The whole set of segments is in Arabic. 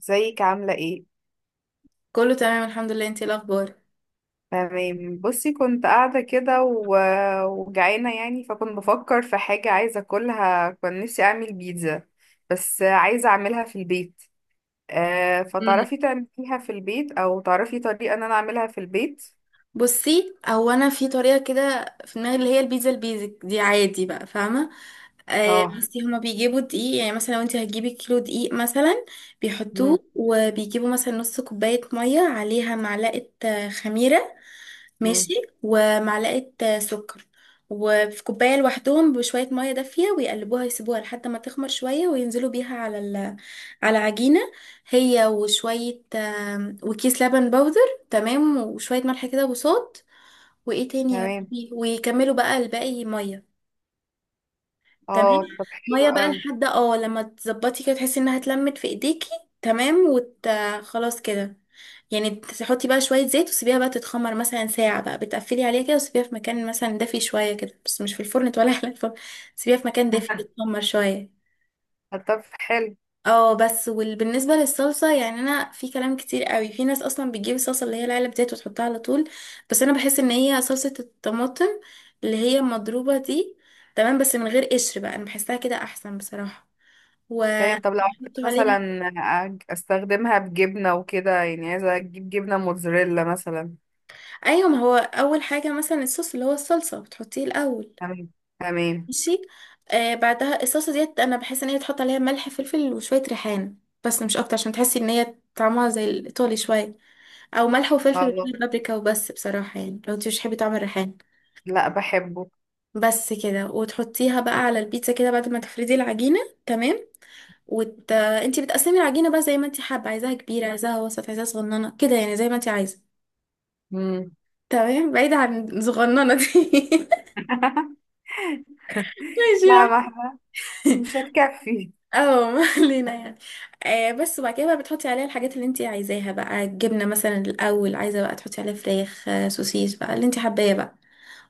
ازيك؟ عاملة ايه؟ كله تمام الحمد لله، انتي ايه الاخبار؟ تمام، بصي كنت قاعدة كده وجعانة، يعني فكنت بفكر في حاجة عايزة اكلها. كان نفسي اعمل بيتزا بس عايزة اعملها في البيت. آه، مم. فتعرفي تعمليها في البيت او تعرفي طريقة ان انا اعملها في البيت؟ بصي هو انا في طريقه كده في دماغي، اللي هي البيتزا البيزك دي عادي بقى، فاهمه. آه اه. بصي هما بيجيبوا دقيق، يعني مثلا لو انتي هتجيبي كيلو دقيق مثلا مم. بيحطوه، وبيجيبوا مثلا نص كوبايه ميه عليها معلقه خميره. مم. ماشي. ومعلقة سكر، وفي كوباية لوحدهم بشوية مية دافية ويقلبوها، يسيبوها لحد ما تخمر شوية، وينزلوا بيها على على عجينة، هي وشوية وكيس لبن بودر. تمام، وشوية ملح كده وصوت. وايه تاني يا تمام. ربي، ويكملوا بقى الباقي مية. تمام، اه طب حلو ميه بقى قوي. لحد اه لما تظبطي كده تحسي انها اتلمت في ايديكي. تمام خلاص كده. يعني تحطي بقى شويه زيت، وسيبيها بقى تتخمر مثلا ساعه بقى، بتقفلي عليها كده، وسيبيها في مكان مثلا دافي شويه كده، بس مش في الفرن ولا على الفرن. سيبيها في مكان دافي تتخمر شويه. طب حلو. اه بس، وبالنسبه للصلصه يعني انا في كلام كتير قوي. في ناس اصلا بتجيب الصلصه اللي هي العلب ديت وتحطها على طول، بس انا بحس ان هي صلصه الطماطم اللي هي مضروبه دي، تمام، بس من غير قشر بقى، انا بحسها كده احسن بصراحه، تمام. طب لو ونحط عايزة عليها. مثلا استخدمها بجبنة وكده، يعني عايزة اجيب جبنة موتزاريلا مثلا. ايوه، ما هو اول حاجه مثلا الصوص اللي هو الصلصه بتحطيه الاول. تمام. تمام. ماشي. آه بعدها الصلصه ديت انا بحس ان هي تحط عليها ملح فلفل وشويه ريحان، بس مش اكتر عشان تحسي ان هي طعمها زي الايطالي شويه. او ملح وفلفل خلاص. وبابريكا وبس بصراحه، يعني لو انت مش بتحبي طعم الريحان لا بحبه. بس كده، وتحطيها بقى على البيتزا كده بعد ما تفردي العجينه. تمام انت بتقسمي العجينه بقى زي ما انت حابه، عايزاها كبيره، عايزاها وسط، عايزاها صغننه كده، يعني زي ما انت عايزه. امم. تمام، بعيد عن صغننة دي ماشي لا ما يعني. احنا مش هتكفي. اه ما علينا يعني. آه بس، وبعد كده بقى بتحطي عليها الحاجات اللي انت عايزاها بقى، الجبنه مثلا الاول، عايزه بقى تحطي عليها فراخ سوسيس بقى، اللي انت حباه بقى.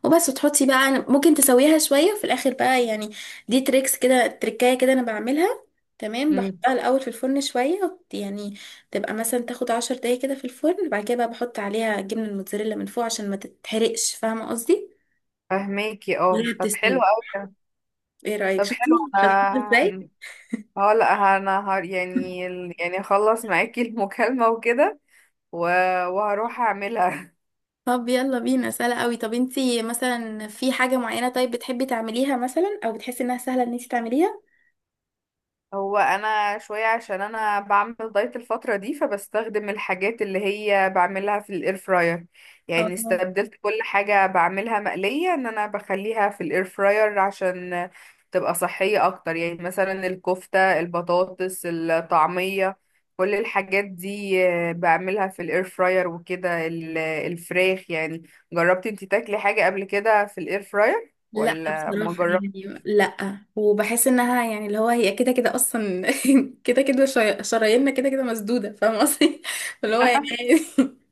وبس، وتحطي بقى، ممكن تسويها شويه في الاخر بقى يعني. دي تريكس كده، تركايه كده انا بعملها. تمام، امم. بحطها الاول في الفرن شويه يعني تبقى مثلا تاخد 10 دقايق كده في الفرن، بعد كده بقى بحط عليها الجبنه الموتزاريلا من فوق عشان ما تتحرقش، فاهمه قصدي. فهماكي، اه وهي طب حلو بتستوي. قوي. ايه رايك، طب شفتي حلو. شفتيها ازاي؟ انا اه لا، انا هر يعني، يعني اخلص معاكي المكالمة وكده و... وهروح اعملها. طب يلا بينا، سهلة قوي. طب انتي مثلا في حاجة معينة طيب بتحبي تعمليها مثلا، او بتحسي انها سهلة ان انتي تعمليها؟ هو انا شويه عشان انا بعمل دايت الفتره دي، فبستخدم الحاجات اللي هي بعملها في الاير فراير. يعني اه. استبدلت كل حاجه بعملها مقليه ان انا بخليها في الاير فراير عشان تبقى صحيه اكتر، يعني مثلا الكفته، البطاطس، الطعميه، كل الحاجات دي بعملها في الاير فراير وكده، الفراخ يعني. جربتي انتي تاكلي حاجه قبل كده في الاير فراير لا ولا ما بصراحة يعني جربتيش؟ لا، وبحس انها يعني اللي هو هي كده كده اصلا كده كده شراييننا شراييننا كده كده مسدودة، فاهمة قصدي؟ اللي هو يعني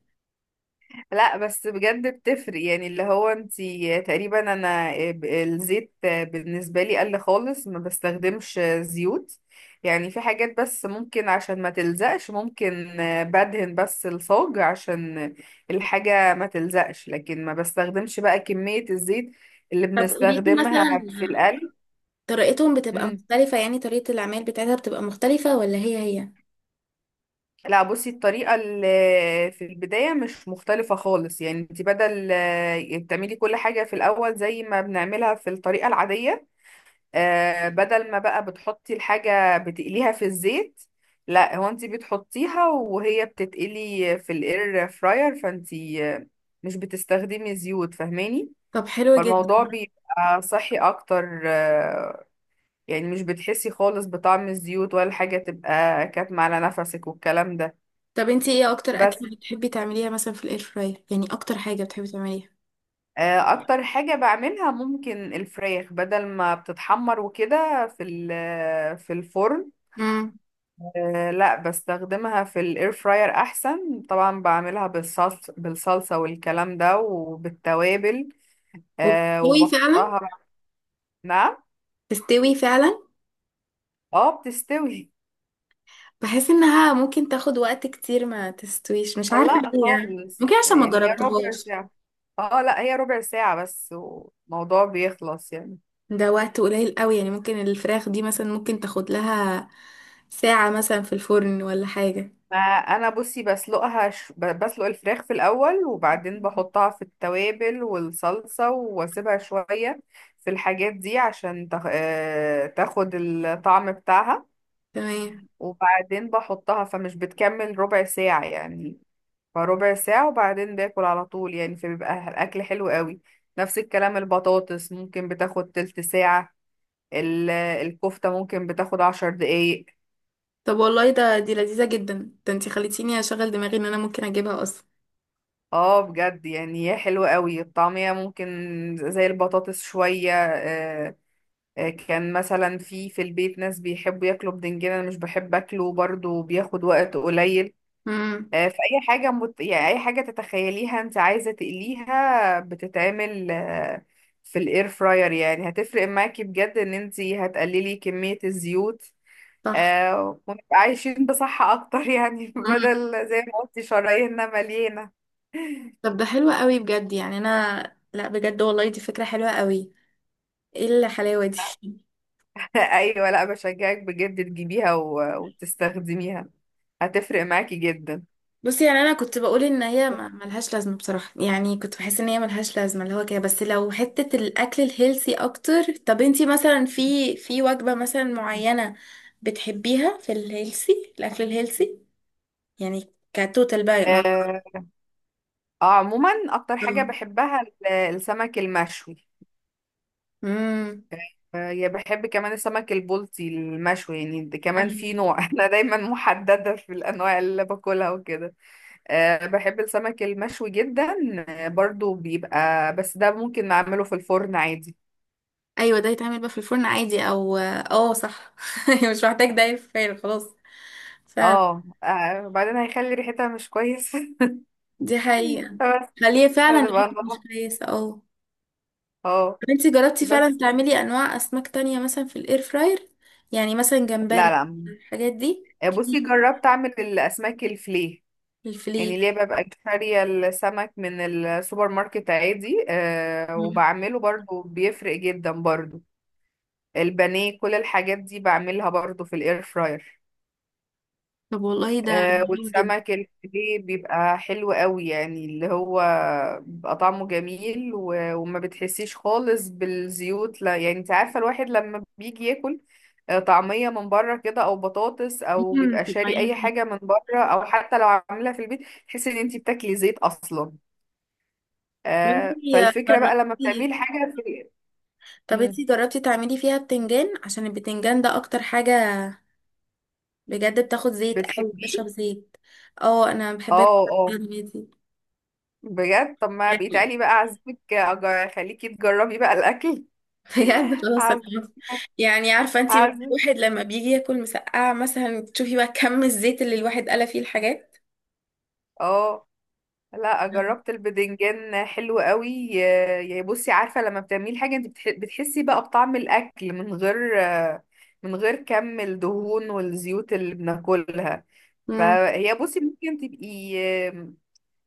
لا بس بجد بتفرق، يعني اللي هو انتي تقريبا انا الزيت بالنسبة لي قل خالص، ما بستخدمش زيوت. يعني في حاجات بس ممكن عشان ما تلزقش ممكن، بدهن بس الصاج عشان الحاجة ما تلزقش، لكن ما بستخدمش بقى كمية الزيت اللي طب قولي لي بنستخدمها مثلا، في القلي. طريقتهم بتبقى مم. مختلفة، يعني طريقة العمل بتاعتها بتبقى مختلفة ولا هي هي؟ لا بصي الطريقة اللي في البداية مش مختلفة خالص، يعني انت بدل بتعملي كل حاجة في الأول زي ما بنعملها في الطريقة العادية، بدل ما بقى بتحطي الحاجة بتقليها في الزيت، لا هو انت بتحطيها وهي بتتقلي في الاير فراير، فانت مش بتستخدمي زيوت، فاهماني؟ طب حلو جدا. فالموضوع بيبقى صحي اكتر، يعني مش بتحسي خالص بطعم الزيوت ولا حاجة تبقى كاتمة على نفسك والكلام ده. طب انتي ايه اكتر بس اكلة بتحبي تعمليها مثلا في الاير فراير؟ يعني اكتر حاجة بتحبي تعمليها. اكتر حاجة بعملها ممكن الفراخ، بدل ما بتتحمر وكده في في الفرن، لا بستخدمها في الاير فراير احسن طبعا. بعملها بالصلصة والكلام ده وبالتوابل، وبتستوي فعلا؟ وبحطها بقى. نعم. تستوي فعلا. اه بتستوي. بحس انها ممكن تاخد وقت كتير ما تستويش، مش عارفة لا ليه، يعني خالص، ممكن عشان ما يعني هي ربع جربتهاش. ساعة. اه لا هي ربع ساعة بس والموضوع بيخلص يعني. ده وقت قليل قوي، يعني ممكن الفراخ دي مثلا ممكن تاخد لها ساعة مثلا في الفرن ولا حاجة. ما انا بصي بسلقها بسلق الفراخ في الاول، وبعدين بحطها في التوابل والصلصه واسيبها شويه في الحاجات دي عشان تخ... آه، تاخد الطعم بتاعها، تمام. وبعدين بحطها، فمش بتكمل ربع ساعه يعني. فربع ساعه وبعدين باكل على طول يعني، فبيبقى الاكل حلو قوي. نفس الكلام البطاطس ممكن بتاخد تلت ساعه، الكفته ممكن بتاخد عشر دقايق. طب والله ده دي لذيذة جدا، ده انتي خليتيني اشغل دماغي ان انا ممكن اجيبها اصلا. اه بجد يعني هي حلوة قوي الطعمية، ممكن زي البطاطس شوية. كان مثلا في البيت ناس بيحبوا ياكلوا بدنجان، انا مش بحب اكله برضو، بياخد وقت قليل. امم. يعني أي حاجة تتخيليها انت عايزة تقليها بتتعمل، في الاير فراير، يعني هتفرق معاكي بجد ان انت هتقللي كمية الزيوت، صح. ونبقى عايشين بصحة اكتر يعني. امم. بدل زي ما قلتي شراييننا مليانة. طب ده حلو قوي بجد، يعني انا لا بجد والله دي فكرة حلوة قوي. ايه الحلاوة دي؟ ايوه، لا بشجعك بجد تجيبيها وتستخدميها، هتفرق معاكي جدا. بصي يعني انا كنت بقول ان هي ملهاش لازمه بصراحه، يعني كنت بحس ان هي ملهاش لازمه اللي هو كده، بس لو حته الاكل الهيلثي اكتر. طب انتي مثلا في وجبه مثلا معينه بتحبيها في الهيلثي، الاكل الهيلثي؟ يعني كتوتال بقى مع. آه. عموما اكتر حاجة بحبها السمك المشوي. امم. آه، يا بحب كمان السمك البلطي المشوي، يعني ده كمان في أيوة. نوع. انا دايما محددة في الانواع اللي باكلها وكده. آه بحب السمك المشوي جدا. آه برضو بيبقى، بس ده ممكن نعمله في الفرن عادي. ايوه ده يتعمل بقى في الفرن عادي، او اه صح مش محتاج ده يفعل خلاص. فعلا. اه، وبعدين هيخلي ريحتها مش كويس. دي حقيقه. بس خليه فعلا هتبقى الحته مش نضيفة. كويسه اه. اه انت جربتي فعلا بس. تعملي انواع اسماك تانية مثلا في الاير فراير؟ يعني مثلا لا جمبري، لا. الحاجات دي. بصي جربت اعمل الاسماك الفليه، يعني الفلي. ليه ببقى شارية السمك من السوبر ماركت عادي. آه مم. وبعمله برضو بيفرق جدا برضو. البانيه كل الحاجات دي بعملها برضو في الاير فراير. طب والله ده حلو جدا. والسمك الفيليه بيبقى حلو قوي، يعني اللي هو بيبقى طعمه جميل وما بتحسيش خالص بالزيوت، لا. يعني انت عارفة الواحد لما بيجي ياكل، طعمية من بره كده او بطاطس او مم، بيبقى شاري اي حاجة من بره او حتى لو عاملها في البيت، تحسي ان انت بتاكلي زيت اصلا. طب انتي فالفكرة بقى لما جربتي بتعملي حاجة في. طب مم. انتي جربتي تعملي فيها بتنجان، عشان البتنجان ده اكتر حاجة بجد بتاخد زيت او بتحبيه. بتشرب زيت. اه انا بحب اكل اه اه. البتنجان دي بجد طب ما بقيت يعني علي بقى اعزمك، اخليكي تجربي بقى الاكل. بجد خلاص انا عزمك. عارفة. يعني عارفة انتي، مثلا عارفه. الواحد لما بيجي ياكل مسقعة مثلا تشوفي بقى كم الزيت اللي الواحد قلى فيه الحاجات. اه لا جربت البدنجان حلو قوي. يا يا بصي عارفه لما بتعملي حاجه انت بتحسي بقى بطعم الاكل من غير، من غير كم الدهون والزيوت اللي بناكلها، امم. فهي بصي ممكن تبقي، آه،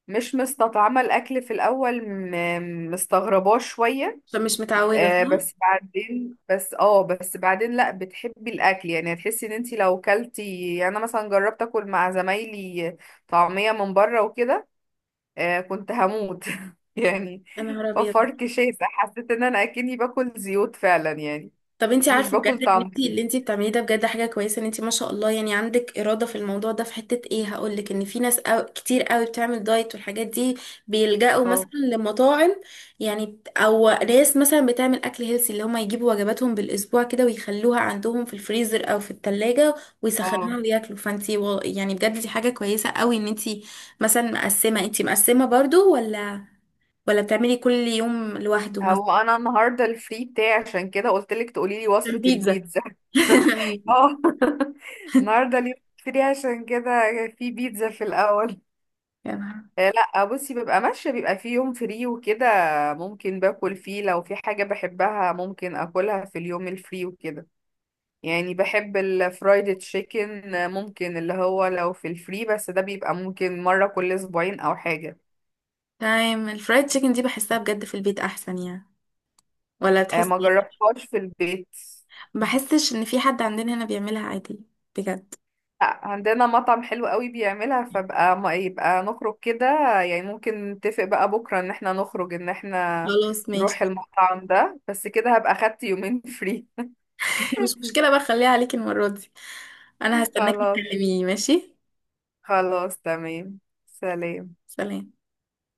مش مستطعمه الاكل في الاول مستغرباه شويه، فمش متعوده، صح. بس بعدين، بس اه بس بعدين لا بتحبي الاكل، يعني هتحسي ان انت لو كلتي، يعني انا مثلا جربت اكل مع زمايلي طعميه من بره وكده، آه كنت هموت. يعني يا نهار ابيض. وفرك شاسع، حسيت ان انا اكني باكل زيوت فعلا يعني، طب انت مش عارفه باكل بجد ان طعم. انت اللي انت بتعمليه ده بجد حاجه كويسه، ان انت ما شاء الله يعني عندك اراده في الموضوع ده، في حته ايه هقول لك؟ ان في ناس أو كتير قوي بتعمل دايت والحاجات دي بيلجأوا مثلا اه لمطاعم، يعني او ناس مثلا بتعمل اكل هيلسي، اللي هم يجيبوا وجباتهم بالاسبوع كده، ويخلوها عندهم في الفريزر او في التلاجة، ويسخنوها اه. وياكلوا. فانت يعني بجد دي حاجه كويسه قوي، ان انت مثلا مقسمه، انت مقسمه برضو ولا بتعملي كل يوم لوحده مثلا؟ هو انا النهارده الفري بتاعي، عشان كده قلت لك تقولي لي عشان وصفة بيتزا البيتزا. أيوة. اه. النهارده اليوم فري، عشان كده في بيتزا في الاول. يا نهار. لا بصي ببقى ماشيه بيبقى في يوم فري وكده، ممكن باكل فيه لو في حاجه بحبها ممكن اكلها في اليوم الفري وكده. يعني بحب الفرايد تشيكن، ممكن اللي هو لو في الفري، بس ده بيبقى ممكن مرة كل اسبوعين او حاجة. تمام. الفرايد تشيكن دي بحسها بجد في البيت احسن يعني، ولا بتحسي ما ايه؟ جربتهاش في البيت. بحسش ان في حد عندنا هنا بيعملها عادي. بجد. عندنا مطعم حلو قوي بيعملها، فبقى ما يبقى نخرج كده يعني. ممكن نتفق بقى بكرة ان احنا نخرج، ان احنا خلاص نروح ماشي المطعم ده. بس كده هبقى خدت يومين فري. مش مشكلة بقى، خليها عليكي المرة دي، انا هستناكي خلاص. تكلميني ماشي. خلاص تمام. سلام. سلام.